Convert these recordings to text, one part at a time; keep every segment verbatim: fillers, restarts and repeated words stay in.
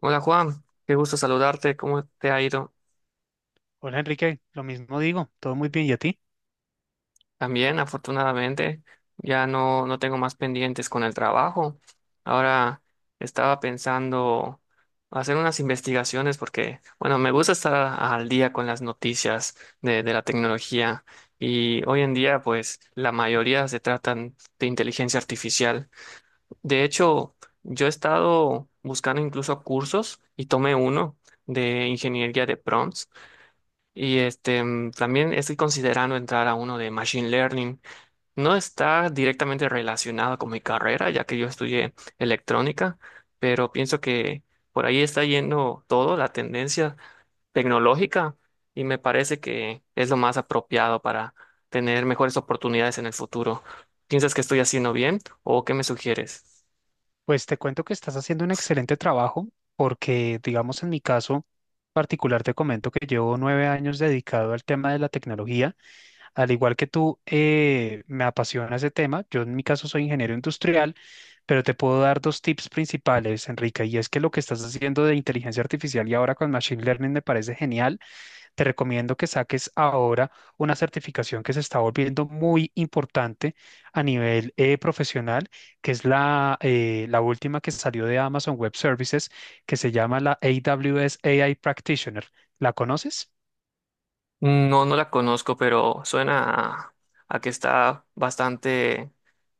Hola Juan, qué gusto saludarte. ¿Cómo te ha ido? Hola Enrique, lo mismo digo, todo muy bien. ¿Y a ti? También, afortunadamente, ya no, no tengo más pendientes con el trabajo. Ahora estaba pensando hacer unas investigaciones porque, bueno, me gusta estar a- al día con las noticias de, de la tecnología y hoy en día, pues, la mayoría se tratan de inteligencia artificial. De hecho, yo he estado buscando incluso cursos y tomé uno de ingeniería de prompts. Y este, mm, también estoy considerando entrar a uno de Machine Learning. No está directamente relacionado con mi carrera, ya que yo estudié electrónica, pero pienso que por ahí está yendo todo, la tendencia tecnológica, y me parece que es lo más apropiado para tener mejores oportunidades en el futuro. ¿Piensas que estoy haciendo bien o qué me sugieres? Pues te cuento que estás haciendo un excelente trabajo porque, digamos, en mi caso particular te comento que llevo nueve años dedicado al tema de la tecnología. Al igual que tú, eh, me apasiona ese tema. Yo en mi caso soy ingeniero industrial, pero te puedo dar dos tips principales, Enrique, y es que lo que estás haciendo de inteligencia artificial y ahora con Machine Learning me parece genial. Te recomiendo que saques ahora una certificación que se está volviendo muy importante a nivel eh, profesional, que es la, eh, la última que salió de Amazon Web Services, que se llama la A W S A I Practitioner. ¿La conoces? No, no la conozco, pero suena a a que está bastante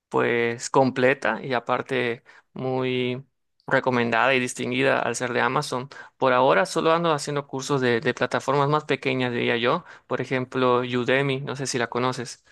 pues completa y aparte muy recomendada y distinguida al ser de Amazon. Por ahora solo ando haciendo cursos de, de plataformas más pequeñas, diría yo, por ejemplo, Udemy, no sé si la conoces.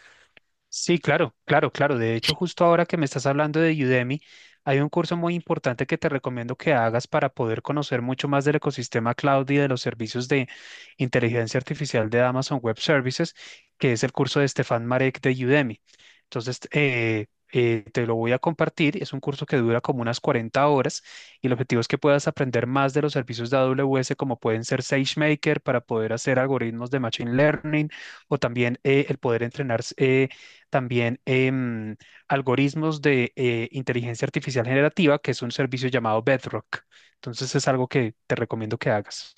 Sí, claro, claro, claro. De hecho, justo ahora que me estás hablando de Udemy, hay un curso muy importante que te recomiendo que hagas para poder conocer mucho más del ecosistema cloud y de los servicios de inteligencia artificial de Amazon Web Services, que es el curso de Stefan Marek de Udemy. Entonces, eh, eh, te lo voy a compartir. Es un curso que dura como unas cuarenta horas y el objetivo es que puedas aprender más de los servicios de A W S, como pueden ser SageMaker para poder hacer algoritmos de Machine Learning o también eh, el poder entrenar. eh, también em, algoritmos de eh, inteligencia artificial generativa, que es un servicio llamado Bedrock. Entonces es algo que te recomiendo que hagas.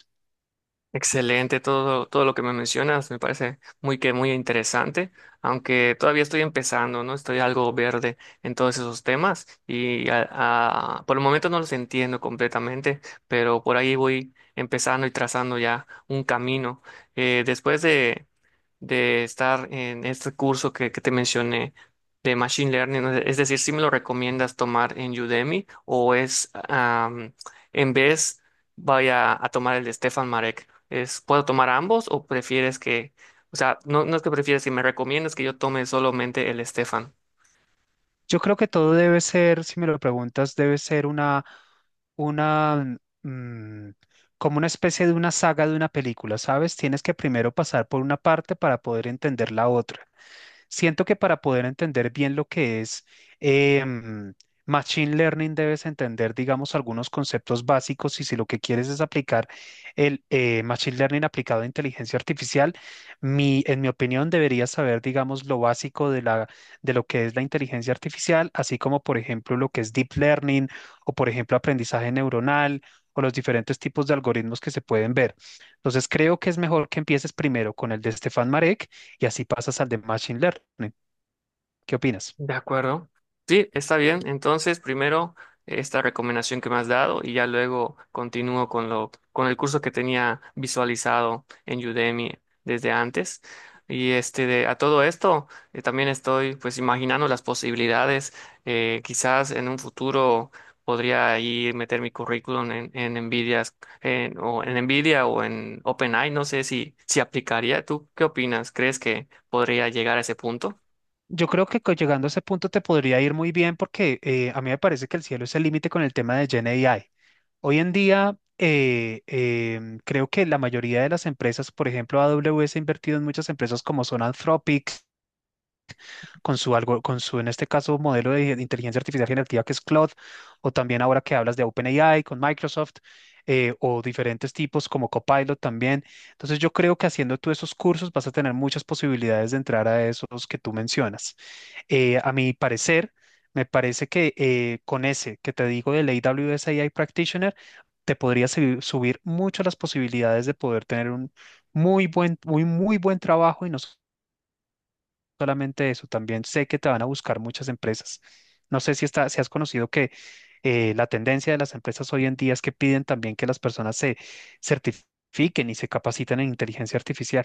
Excelente, todo, todo lo que me mencionas me parece muy que muy interesante, aunque todavía estoy empezando, ¿no? Estoy algo verde en todos esos temas y a- a- por el momento no los entiendo completamente, pero por ahí voy empezando y trazando ya un camino. Eh, después de estar en este curso que, que te mencioné de Machine Learning, ¿no? Es decir, ¿si me lo recomiendas tomar en Udemy o es am, en vez vaya a tomar el de Stefan Marek? ¿Es, puedo tomar ambos o prefieres que, o sea, no, no es que prefieres, si me recomiendas que yo tome solamente el Stefan? Yo creo que todo debe ser, si me lo preguntas, debe ser una, una, mm, como una especie de una saga de una película, ¿sabes? Tienes que primero pasar por una parte para poder entender la otra. Siento que para poder entender bien lo que es em, Machine Learning debes entender, digamos, algunos conceptos básicos y si lo que quieres es aplicar el eh, Machine Learning aplicado a inteligencia artificial, mi, en mi opinión deberías saber, digamos, lo básico de la, de lo que es la inteligencia artificial, así como, por ejemplo, lo que es Deep Learning o, por ejemplo, aprendizaje neuronal o los diferentes tipos de algoritmos que se pueden ver. Entonces, creo que es mejor que empieces primero con el de Stefan Marek y así pasas al de Machine Learning. ¿Qué opinas? De acuerdo. Sí, está bien. Entonces, primero esta recomendación que me has dado y ya luego continúo con lo, con el curso que tenía visualizado en Udemy desde antes. Y este, de- a todo esto, eh, también estoy pues imaginando las posibilidades. Eh, quizás en un futuro podría ahí meter mi currículum en, en Nvidia, en- o en Nvidia o en OpenAI. No sé si, si aplicaría. ¿Tú qué opinas? ¿Crees que podría llegar a ese punto? Yo creo que co- llegando a ese punto te podría ir muy bien porque eh, a mí me parece que el cielo es el límite con el tema de Gen A I. Hoy en día, eh, em, creo que la mayoría de las empresas, por ejemplo, A W S ha invertido en muchas empresas como son Anthropic, con su algo, con su, en este caso, modelo de inteligencia artificial generativa que es Claude, o también ahora que hablas de OpenAI con Microsoft, eh, o diferentes tipos como Copilot también. Entonces yo creo que haciendo tú esos cursos vas a tener muchas posibilidades de entrar a esos que tú mencionas. Eh, a mi parecer, me parece que eh, con ese que te digo del A W S A I Practitioner, te podría subi- subir mucho las posibilidades de poder tener un muy buen, muy, muy buen trabajo y no solamente eso, también sé que te van a buscar muchas empresas. No sé si, está, si has conocido que eh, la tendencia de las empresas hoy en día es que piden también que las personas se certifiquen y se capaciten en inteligencia artificial.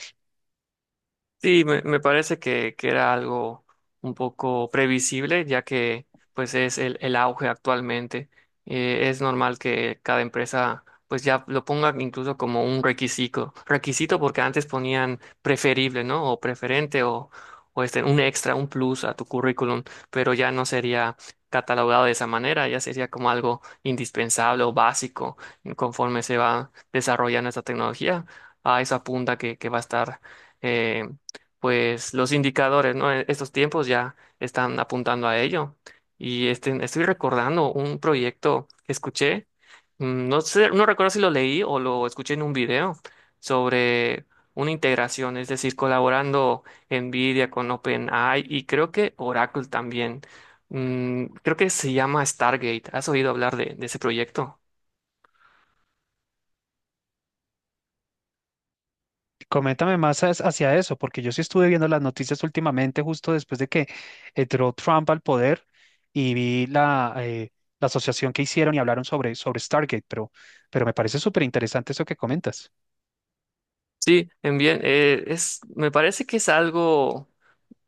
Sí, me, me parece que, que era algo un poco previsible, ya que pues es el, el auge actualmente. Eh, es normal que cada empresa pues ya lo ponga incluso como un requisito, requisito, porque antes ponían preferible, ¿no? O preferente o, o este, un extra, un plus a tu currículum, pero ya no sería catalogado de esa manera, ya sería como algo indispensable o básico conforme se va desarrollando esta tecnología. A esa punta que, que va a estar. eh, pues los indicadores, ¿no? E- Estos tiempos ya están apuntando a ello. Y este, estoy recordando un proyecto que escuché, mm, no sé, no recuerdo si lo leí o lo escuché en un video sobre una integración, es decir, colaborando NVIDIA con OpenAI y creo que Oracle también. Mm, creo que se llama Stargate. ¿Has oído hablar de, de ese proyecto? Coméntame más as- hacia eso, porque yo sí estuve viendo las noticias últimamente, justo después de que entró Trump al poder y vi la, eh, la asociación que hicieron y hablaron sobre, sobre Stargate, pero, pero me parece súper interesante eso que comentas. Sí, en bien, eh, es, me parece que es algo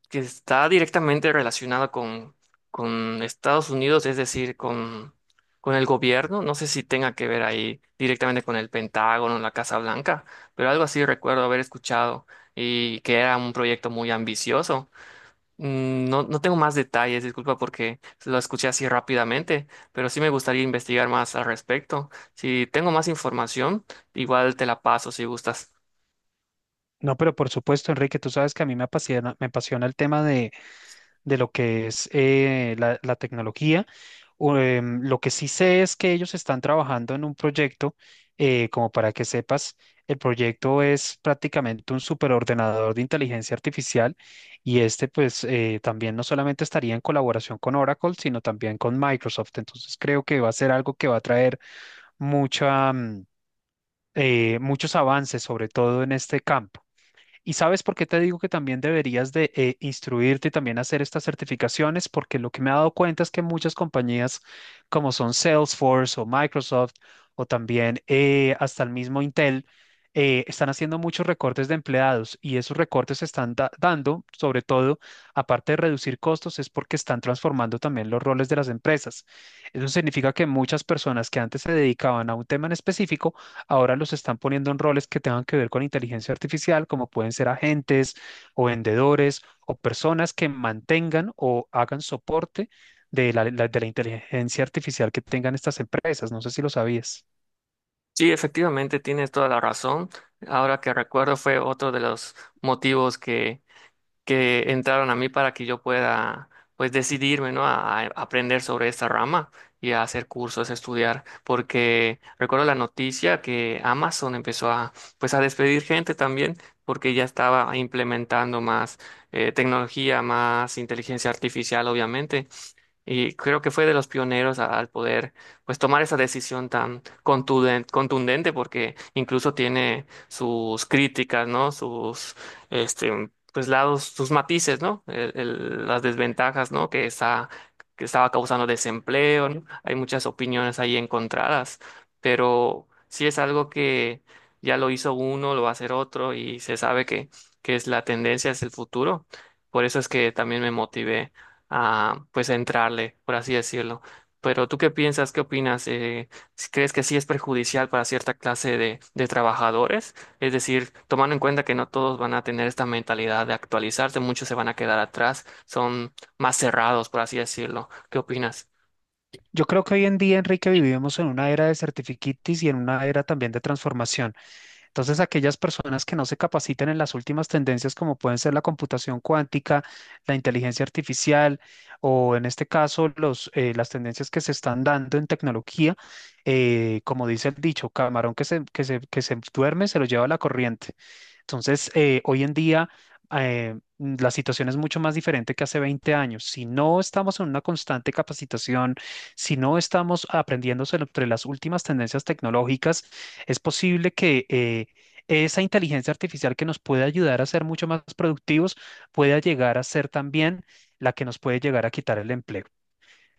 que está directamente relacionado con, con Estados Unidos, es decir, con, con el gobierno. No sé si tenga que ver ahí directamente con el Pentágono, la Casa Blanca, pero algo así recuerdo haber escuchado y que era un proyecto muy ambicioso. Mm, No, no tengo más detalles, disculpa porque lo escuché así rápidamente, pero sí me gustaría investigar más al respecto. Si tengo más información, igual te la paso si gustas. No, pero por supuesto, Enrique, tú sabes que a mí me apasiona, me apasiona el tema de lo que es eh, la, la tecnología. O, em, lo que sí sé es que ellos están trabajando en un proyecto, eh, como para que sepas, el proyecto es prácticamente un superordenador de inteligencia artificial y este pues eh, también no solamente estaría en colaboración con Oracle, sino también con Microsoft. Entonces creo que va a ser algo que va a traer mucha, mm, eh, muchos avances, sobre todo en este campo. Y sabes por qué te digo que también deberías de eh, instruirte y también hacer estas certificaciones, porque lo que me he dado cuenta es que muchas compañías como son Salesforce o Microsoft o también eh, hasta el mismo Intel, eh, están haciendo muchos recortes de empleados y esos recortes se están da- dando, sobre todo, aparte de reducir costos, es porque están transformando también los roles de las empresas. Eso significa que muchas personas que antes se dedicaban a un tema en específico, ahora los están poniendo en roles que tengan que ver con inteligencia artificial, como pueden ser agentes o vendedores o personas que mantengan o hagan soporte de la, la- de la inteligencia artificial que tengan estas empresas. No sé si lo sabías. Sí, efectivamente, tienes toda la razón. Ahora que recuerdo fue otro de los motivos que, que entraron a mí para que yo pueda pues decidirme, ¿no? a, a aprender sobre esta rama y a hacer cursos, a estudiar, porque recuerdo la noticia que Amazon empezó a pues a despedir gente también porque ya estaba implementando más eh, tecnología, más inteligencia artificial, obviamente, y creo que fue de los pioneros a- al poder pues tomar esa decisión tan contuden- contundente, porque incluso tiene sus críticas, ¿no? Sus este pues lados, sus matices, ¿no? El- el- las desventajas, ¿no? Que está que estaba causando desempleo, ¿no? Hay muchas opiniones ahí encontradas, pero sí es algo que ya lo hizo uno, lo va a hacer otro y se sabe que que es la tendencia, es el futuro. Por eso es que también me motivé a pues a entrarle, por así decirlo. Pero ¿tú qué piensas? ¿Qué opinas? Eh, si ¿crees que sí es perjudicial para cierta clase de, de trabajadores? Es decir, tomando en cuenta que no todos van a tener esta mentalidad de actualizarse, muchos se van a quedar atrás, son más cerrados, por así decirlo. ¿Qué opinas? Yo creo que hoy en día, Enrique, vivimos en una era de certificates y en una era también de transformación. Entonces, aquellas personas que no se capaciten en las últimas tendencias, como pueden ser la computación cuántica, la inteligencia artificial o en este caso los, eh, las tendencias que se están dando en tecnología, eh, como dice el dicho, camarón que se, que se, que se duerme se lo lleva la corriente. Entonces, eh, hoy en día eh, la situación es mucho más diferente que hace veinte años. Si no estamos en una constante capacitación, si no estamos aprendiendo sobre las últimas tendencias tecnológicas, es posible que eh, esa inteligencia artificial que nos puede ayudar a ser mucho más productivos pueda llegar a ser también la que nos puede llegar a quitar el empleo.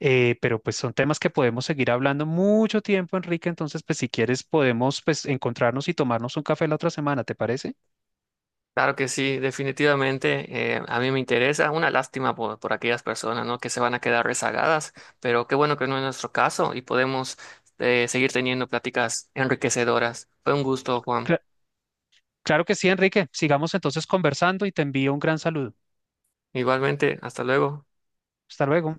Eh, pero pues son temas que podemos seguir hablando mucho tiempo, Enrique. Entonces, pues si quieres podemos pues encontrarnos y tomarnos un café la otra semana, ¿te parece? Claro que sí, definitivamente eh, a mí me interesa. Una lástima por, por aquellas personas, ¿no? que se van a quedar rezagadas, pero qué bueno que no es nuestro caso y podemos eh, seguir teniendo pláticas enriquecedoras. Fue un gusto, Juan. Cla- Claro que sí, Enrique. Sigamos entonces conversando y te envío un gran saludo. Igualmente, hasta luego. Hasta luego.